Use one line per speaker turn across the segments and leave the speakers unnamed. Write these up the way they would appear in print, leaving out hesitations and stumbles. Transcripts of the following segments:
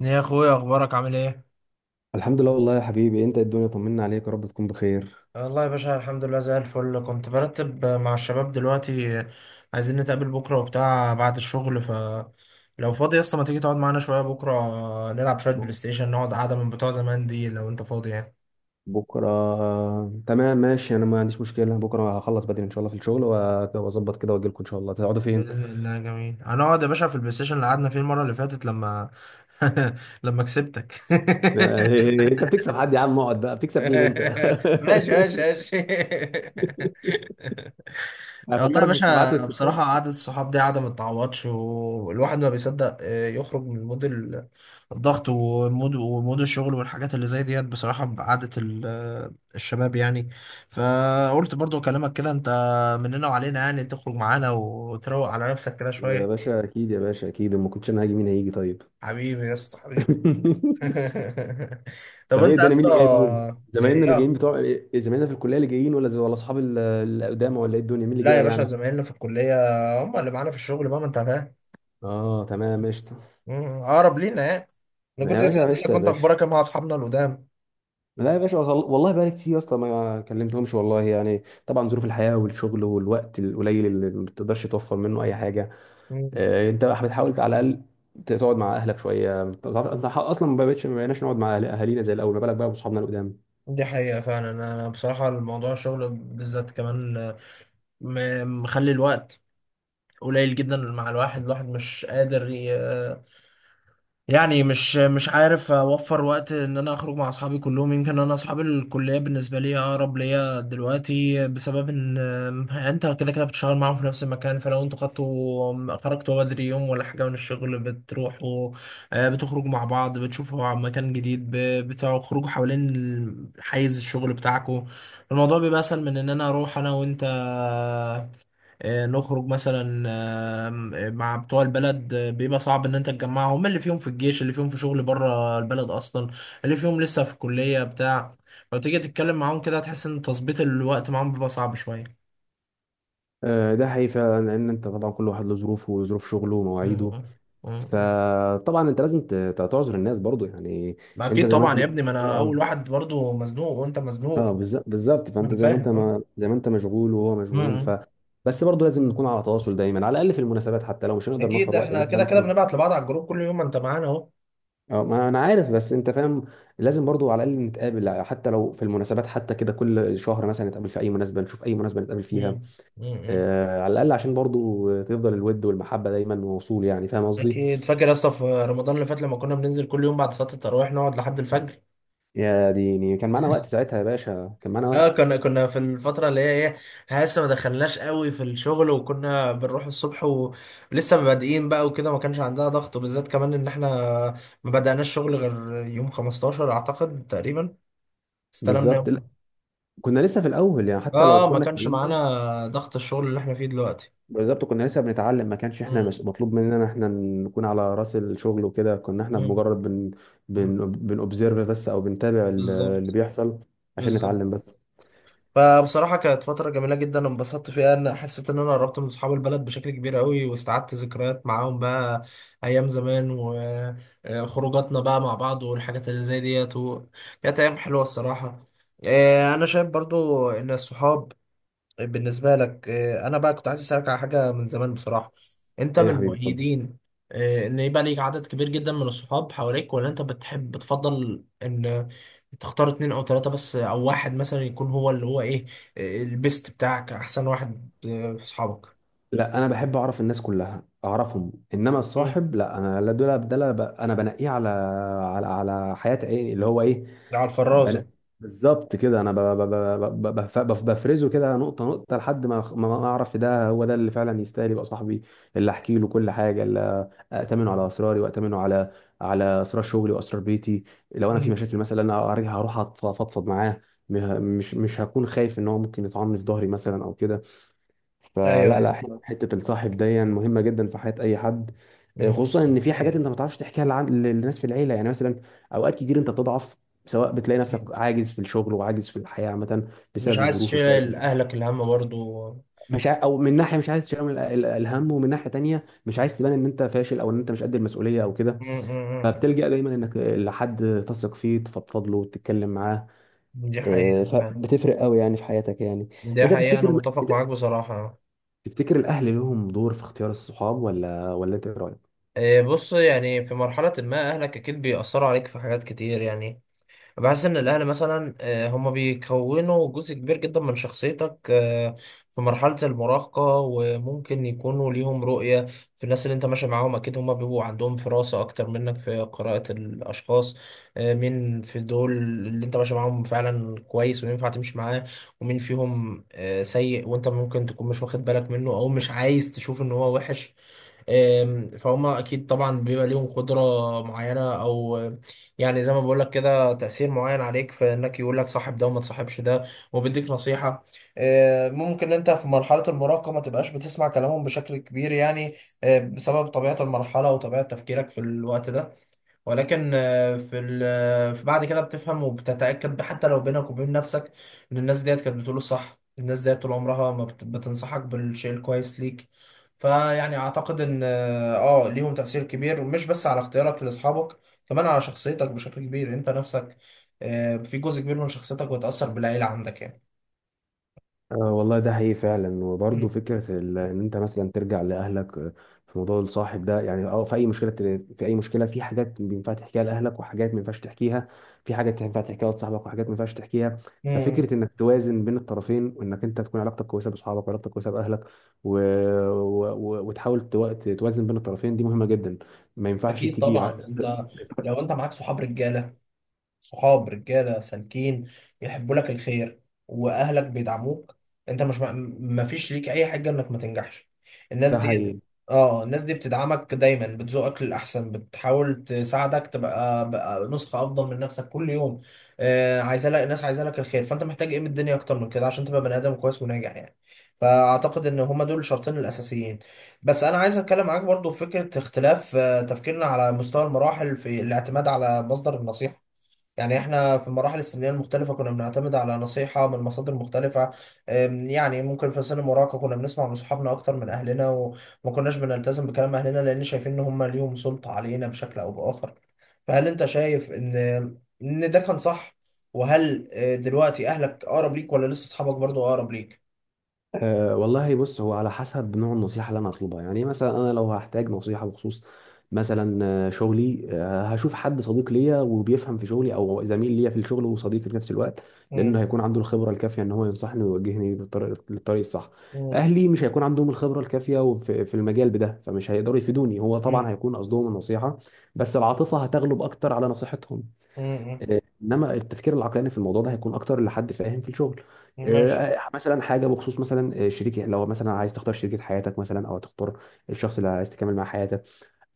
يا اخويا اخبارك عامل ايه؟
الحمد لله والله يا حبيبي. انت إيه الدنيا؟ طمنا عليك يا رب تكون بخير.
والله يا باشا الحمد لله زي الفل. كنت برتب مع الشباب دلوقتي، عايزين نتقابل بكرة وبتاع بعد الشغل، ف لو فاضي يا اسطى ما تيجي تقعد معانا شوية بكرة؟ نلعب شوية بلاي
ب-
ستيشن، نقعد قعدة من بتوع زمان دي لو انت فاضي يعني.
بكره تمام ماشي. انا ما عنديش مشكله، بكره هخلص بدري ان شاء الله في الشغل واظبط كده واجي لكم ان شاء الله. تقعدوا فين؟
باذن الله جميل، هنقعد يا باشا في البلاي ستيشن اللي قعدنا فيه المره اللي فاتت لما لما كسبتك.
انت بتكسب حد يا عم؟ اقعد بقى، بتكسب مين انت؟
ماشي ماشي ماشي. والله يا
هفكرك بالسبعات
باشا
والستات.
بصراحة قعدة الصحاب دي قعدة ما تتعوضش، والواحد ما بيصدق يخرج من مود الضغط ومود الشغل والحاجات اللي زي ديت بصراحة بقعدة الشباب يعني. فقلت برضو أكلمك كده، أنت مننا وعلينا يعني، تخرج معانا وتروق على نفسك كده
يا
شوية.
باشا اكيد، يا باشا اكيد، ما كنتش انا هاجي. مين هيجي طيب؟
حبيبي يا اسطى حبيبي. طب
طب ايه
أنت يا
الدنيا، مين
اسطى
اللي جاي طيب؟ زمايلنا اللي
إيه-
جايين بتوع إيه، زمايلنا في الكليه اللي جايين ولا اصحاب القدامى ولا ايه الدنيا، مين اللي
لا يا
جاي
باشا،
يعني؟
زمايلنا في الكلية هم اللي معانا في الشغل بقى، ما أنت فاهم.
اه تمام قشطه،
مم، اقرب لينا يعني. انا
يا
كنت لسه
باشا
اسالك
قشطه يا
كنت
باشا.
اخبارك إيه مع اصحابنا القدام.
لا يا باشا، وصل... والله بقالي كتير يا اسطى ما كلمتهمش والله، يعني طبعا ظروف الحياه والشغل والوقت القليل اللي ما بتقدرش توفر منه اي حاجه.
مم.
انت بقى بتحاول على الاقل تقعد مع اهلك شويه. انت اصلا ما بقيناش نقعد مع اهالينا زي الاول، ما بالك بقى بصحابنا القدام.
دي حقيقة فعلا، أنا بصراحة الموضوع الشغل بالذات كمان مخلي الوقت قليل جدا، مع الواحد مش قادر يعني، مش عارف اوفر وقت ان انا اخرج مع اصحابي كلهم. يمكن انا اصحاب الكليه بالنسبه لي اقرب ليا دلوقتي بسبب ان انت كده كده بتشتغل معاهم في نفس المكان، فلو انتوا خدتوا خرجتوا بدري يوم ولا حاجه من الشغل بتروحوا بتخرجوا مع بعض، بتشوفوا عن مكان جديد، بتخرجوا حوالين حيز الشغل بتاعكم. الموضوع بيبقى اسهل من ان انا اروح انا وانت نخرج مثلا آم، آه، مع بتوع البلد. بيبقى صعب ان انت تجمعهم، اللي فيهم في الجيش، اللي فيهم في شغل بره البلد اصلا، اللي فيهم لسه في الكلية بتاع، لو تيجي تتكلم معاهم كده هتحس ان تظبيط الوقت معاهم بيبقى صعب شوية.
ده حقيقي فعلا، لان انت طبعا كل واحد له ظروفه وظروف شغله ومواعيده.
مم. مم.
فطبعا انت لازم تعذر الناس برضو يعني.
ما
انت
اكيد
زي ما انت
طبعا يا
ليك.
ابني، ما انا
آه.
اول واحد برضو مزنوق وانت مزنوق.
اه بالظبط، فانت
انا
زي ما انت،
فاهم، اه.
ما زي ما انت مشغول وهو مشغول ف
مم.
بس برضه لازم نكون على تواصل دايما، على الاقل في المناسبات، حتى لو مش هنقدر
اكيد
نوفر وقت ان
احنا
احنا
كده كده
نخرج.
بنبعت لبعض على الجروب كل يوم، ما انت معانا اهو.
اه ما انا عارف، بس انت فاهم لازم برضه على الاقل نتقابل، حتى لو في المناسبات، حتى كده كل شهر مثلا نتقابل في اي مناسبه، نشوف اي مناسبه نتقابل فيها.
مم. مم.
آه على الاقل عشان برضه تفضل الود والمحبه دايما موصول، يعني فاهم قصدي.
اكيد فاكر يا اسطى في رمضان اللي فات لما كنا بننزل كل يوم بعد صلاة التراويح نقعد لحد الفجر؟
يا ديني كان معانا وقت ساعتها يا باشا، كان معانا
اه،
وقت.
كنا في الفترة اللي هي ايه، إحنا لسه ما دخلناش قوي في الشغل وكنا بنروح الصبح ولسه مبادئين بقى وكده، ما كانش عندها ضغط بالذات كمان ان احنا ما بدأناش شغل غير يوم 15 اعتقد تقريبا، استلمنا يوم.
بالظبط لا، كنا لسه في الاول يعني حتى لو
اه ما
كنا
كانش
اتكلمنا.
معانا ضغط الشغل اللي احنا فيه دلوقتي.
بالظبط كنا لسه بنتعلم، ما كانش احنا
مم.
مش مطلوب مننا احنا نكون على راس الشغل وكده، كنا احنا
مم.
بمجرد بن بن بنوبزرف بس او بنتابع
بالظبط.
اللي بيحصل عشان
بالظبط.
نتعلم بس.
فبصراحة كانت فترة جميلة جدا، انبسطت فيها ان حسيت ان انا قربت من اصحاب البلد بشكل كبير قوي، واستعدت ذكريات معاهم بقى ايام زمان، وخروجاتنا بقى مع بعض والحاجات اللي زي ديت كانت ايام حلوة الصراحة. انا شايف برضو ان الصحاب، طيب بالنسبة لك أنا بقى كنت عايز أسألك على حاجة من زمان بصراحة. أنت
ايه يا
من
حبيبي اتفضل.
مؤيدين إن يبقى ليك عدد كبير جدا من الصحاب حواليك، ولا أنت بتحب بتفضل إن تختار اتنين أو تلاتة بس أو واحد مثلا يكون هو اللي هو إيه البيست بتاعك، أحسن واحد في صحابك؟
لا انا بحب اعرف الناس كلها اعرفهم، انما
مم. اللي
الصاحب لا، انا لا دول ده لا، انا بنقيه على على حياة ايه اللي هو ايه.
على
بن...
الفرازة.
بالظبط كده، انا بفرزه كده نقطه نقطه لحد ما اعرف ده هو ده اللي فعلا يستاهل يبقى صاحبي، اللي احكي له كل حاجه، أأتمنه على أسراري وأأتمنه على على أسرار شغلي وأسرار بيتي. لو أنا في
مم.
مشاكل مثلا هروح أفضفض معاه. مش هكون خايف إن هو ممكن يطعني في ظهري مثلا أو كده.
ايوه
فلا لا ح-
ايوه.
حتة الصاحب دي مهمة جدا في حياة أي حد.
مم.
خصوصا إن في حاجات
حقيقة.
أنت ما تعرفش تحكيها للناس في العيلة يعني. مثلا أوقات كتير أنت بتضعف، سواء بتلاقي نفسك
أكيد.
عاجز في الشغل وعاجز في الحياة عامة
مش
بسبب
عايز
الظروف
تشيل
وبسبب
أهلك الهم برضو.
مش ع- او من ناحيه مش عايز تشيل الهم، ومن ناحيه تانية مش عايز تبان ان انت فاشل او ان انت مش قد المسؤوليه او كده.
مم. مم.
فبتلجأ دايما انك لحد تثق فيه تفضفض له وتتكلم معاه.
مم. دي
آه،
حقيقة.
فبتفرق قوي يعني في حياتك يعني.
دي
انت
حقيقة، أنا
تفتكر،
متفق
انت
معاك بصراحة.
تفتكر الاهل لهم دور في اختيار الصحاب ولا انت إيه رايك؟
بص، يعني في مرحلة ما أهلك أكيد بيأثروا عليك في حاجات كتير يعني. بحس إن الأهل مثلا هما بيكونوا جزء كبير جدا من شخصيتك في مرحلة المراهقة، وممكن يكونوا ليهم رؤية في الناس اللي أنت ماشي معاهم. أكيد هما بيبقوا عندهم فراسة أكتر منك في قراءة الأشخاص، مين في دول اللي أنت ماشي معاهم فعلا كويس وينفع تمشي معاه، ومين فيهم سيء وأنت ممكن تكون مش واخد بالك منه أو مش عايز تشوف إن هو وحش. فهم اكيد طبعا بيبقى ليهم قدره معينه او يعني زي ما بقول لك كده تاثير معين عليك، في انك يقول لك صاحب ده وما تصاحبش ده، وبيديك نصيحه. ممكن انت في مرحله المراهقه ما تبقاش بتسمع كلامهم بشكل كبير يعني، بسبب طبيعه المرحله وطبيعه تفكيرك في الوقت ده. ولكن آه، في ال- آه، في بعد كده بتفهم وبتتأكد حتى لو بينك وبين نفسك ان الناس ديت كانت بتقول الصح، الناس ديت طول عمرها ما بت- بتنصحك بالشيء الكويس ليك. فيعني اعتقد ان ليهم تأثير كبير، ومش بس على اختيارك لاصحابك، كمان على شخصيتك بشكل كبير انت نفسك. في جزء كبير من شخصيتك بيتأثر بالعيلة عندك يعني.
آه والله ده حقيقي فعلا. وبرضه
مم.
فكرة إن أنت مثلا ترجع لأهلك، آه، في موضوع الصاحب ده، يعني أه في أي مشكلة، في أي مشكلة، في حاجات ينفع تحكيها لأهلك وحاجات ما ينفعش تحكيها، في حاجات ينفع تحكيها لصاحبك وحاجات ما ينفعش تحكيها. ففكرة
مم.
إنك توازن بين الطرفين، وإنك أنت تكون علاقتك كويسة بأصحابك وعلاقتك كويسة بأهلك، و... و... وتحاول توازن بين الطرفين، دي مهمة جدا. ما ينفعش
اكيد
تيجي
طبعا. انت لو انت معاك صحاب رجالة، صحاب رجاله سالكين يحبوا لك الخير، واهلك بيدعموك، انت مش، ما فيش ليك اي حاجه انك ما تنجحش. الناس
ده
دي،
هي...
اه الناس دي بتدعمك دايما، بتزوقك للاحسن، بتحاول تساعدك تبقى بقى نسخه افضل من نفسك كل يوم. آه عايزه لك، الناس عايزه لك الخير، فانت محتاج ايه من الدنيا اكتر من كده عشان تبقى بني ادم كويس وناجح يعني. فاعتقد ان هما دول الشرطين الاساسيين. بس انا عايز اتكلم معاك برضو في فكره اختلاف تفكيرنا على مستوى المراحل في الاعتماد على مصدر النصيحه. يعني احنا في المراحل السنية المختلفة كنا بنعتمد على نصيحة من مصادر مختلفة. يعني ممكن في سن المراهقة كنا بنسمع من صحابنا أكتر من أهلنا، وما كناش بنلتزم بكلام أهلنا لأن شايفين إن هم ليهم سلطة علينا بشكل أو بآخر. فهل أنت شايف إن ده كان صح؟ وهل دلوقتي أهلك أقرب ليك ولا لسه أصحابك برضو أقرب ليك؟
أه والله بص، هو على حسب نوع النصيحة اللي أنا هطلبها يعني. إيه مثلا أنا لو هحتاج نصيحة بخصوص مثلا آه، شغلي، آه، هشوف حد صديق ليا وبيفهم في شغلي أو زميل ليا في الشغل وصديقي في نفس الوقت، لأنه
مم.
هيكون عنده الخبرة الكافية إن هو ينصحني ويوجهني بالطريق للطريق الصح.
مم.
أهلي مش هيكون عندهم الخبرة الكافية في المجال بده، فمش هيقدروا يفيدوني. هو طبعا
مم.
هيكون قصدهم النصيحة، بس العاطفة هتغلب أكتر على نصيحتهم.
مم. مم.
آه، انما التفكير العقلاني في الموضوع ده هيكون اكتر لحد فاهم في الشغل.
ماشي.
آه، مثلا حاجه بخصوص مثلا آه، شريك، لو مثلا عايز تختار شريكه حياتك مثلا او تختار الشخص اللي عايز تكمل معاه حياتك،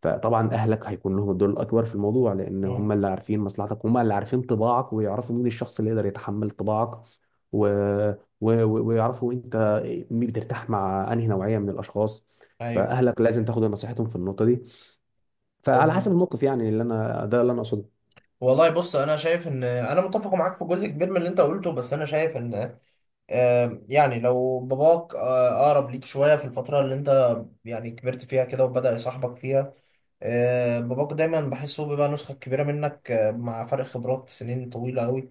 فطبعا اهلك هيكون لهم الدور الاكبر في الموضوع، لان هم
مم.
اللي عارفين مصلحتك، هم اللي عارفين طباعك، ويعرفوا مين الشخص اللي يقدر يتحمل طباعك، و... و... ويعرفوا انت بترتاح مع انهي نوعيه من الاشخاص.
أيوه.
فاهلك لازم تاخد نصيحتهم في النقطه دي. فعلى حسب
تمام.
الموقف يعني، اللي انا ده اللي انا اقصده.
والله بص، انا شايف ان انا متفق معاك في جزء كبير من اللي انت قلته، بس انا شايف ان يعني لو باباك اقرب ليك شويه في الفتره اللي انت يعني كبرت فيها كده وبدأ يصاحبك فيها، باباك دايما بحسه بيبقى نسخه كبيره منك مع فرق خبرات سنين طويله قوي،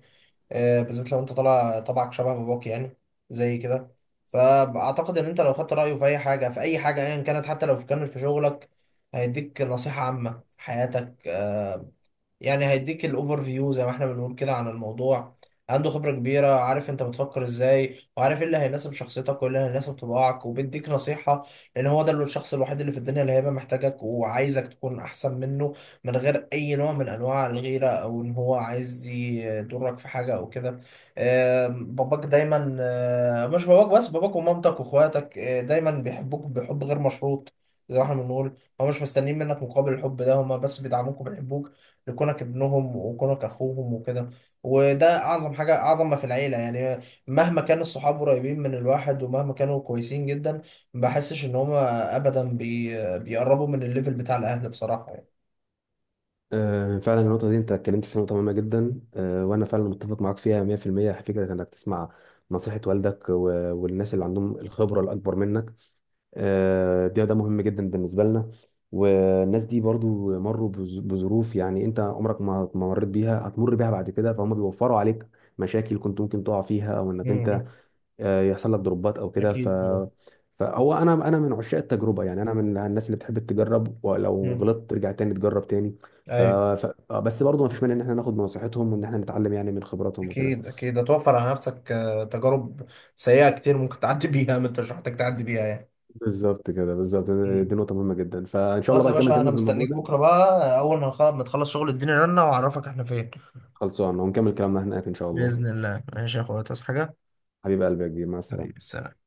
بالذات لو انت طالع طبعك شبه باباك يعني، زي كده. فاعتقد ان انت لو خدت رايه في اي حاجه، ايا كانت حتى لو كانت في شغلك، هيديك نصيحه عامه في حياتك. يعني هيديك الاوفر فيو زي ما احنا بنقول كده عن الموضوع، عنده خبرة كبيرة، عارف انت بتفكر ازاي وعارف ايه اللي هيناسب شخصيتك وايه اللي هيناسب طباعك، وبيديك نصيحة، لان هو ده الشخص الوحيد اللي في الدنيا اللي هيبقى محتاجك وعايزك تكون احسن منه، من غير اي نوع من انواع الغيرة او ان هو عايز يضرك في حاجة او كده. باباك دايما مش باباك بس، باباك ومامتك واخواتك دايما بيحبوك بحب غير مشروط زي ما احنا بنقول، هو مش مستنيين منك مقابل الحب ده، هما بس بيدعموك وبيحبوك لكونك ابنهم وكونك اخوهم وكده. وده اعظم حاجه، اعظم ما في العيله يعني. مهما كان الصحاب قريبين من الواحد، ومهما كانوا كويسين جدا، ما بحسش ان هما ابدا بيقربوا من الليفل بتاع الاهل بصراحه يعني.
آه، فعلا النقطة دي أنت اتكلمت في نقطة مهمة جدا. آه، وأنا فعلا متفق معاك فيها 100% فكرة إنك تسمع نصيحة والدك والناس اللي عندهم الخبرة الأكبر منك. آه، ده ده مهم جدا بالنسبة لنا. والناس دي برضو مروا بظروف، يعني أنت عمرك ما مريت بيها هتمر بيها بعد كده، فهم بيوفروا عليك مشاكل كنت ممكن تقع فيها، أو إنك أنت
مم.
آه، يحصل لك دروبات او كده ف
اكيد طبعا.
فهو انا من عشاق التجربه يعني، انا من الناس اللي بتحب تجرب ولو
مم.
غلطت ترجع تاني تجرب تاني. ف...
ايوه.
ف... آه، بس برضه ما فيش مانع ان احنا ناخد بنصيحتهم وان احنا نتعلم يعني من خبراتهم وكده.
اكيد اكيد هتوفر على نفسك تجارب سيئه كتير ممكن تعدي بيها، ما انت مش محتاج تعدي بيها يعني.
بالظبط كده، بالظبط.
مم.
دي نقطه مهمه جدا، فان شاء الله
خلاص يا
بقى نكمل
باشا، انا
كلامنا في الموضوع
مستنيك
ده.
بكره بقى اول ما ما تخلص شغل اديني رنه واعرفك احنا فين.
خلصان، ونكمل كلامنا هناك ان شاء الله.
باذن الله ماشي يا اخويا، تصحى حاجه.
حبيب قلبي يا كبير، مع
حبيبي،
السلامه.
السلام.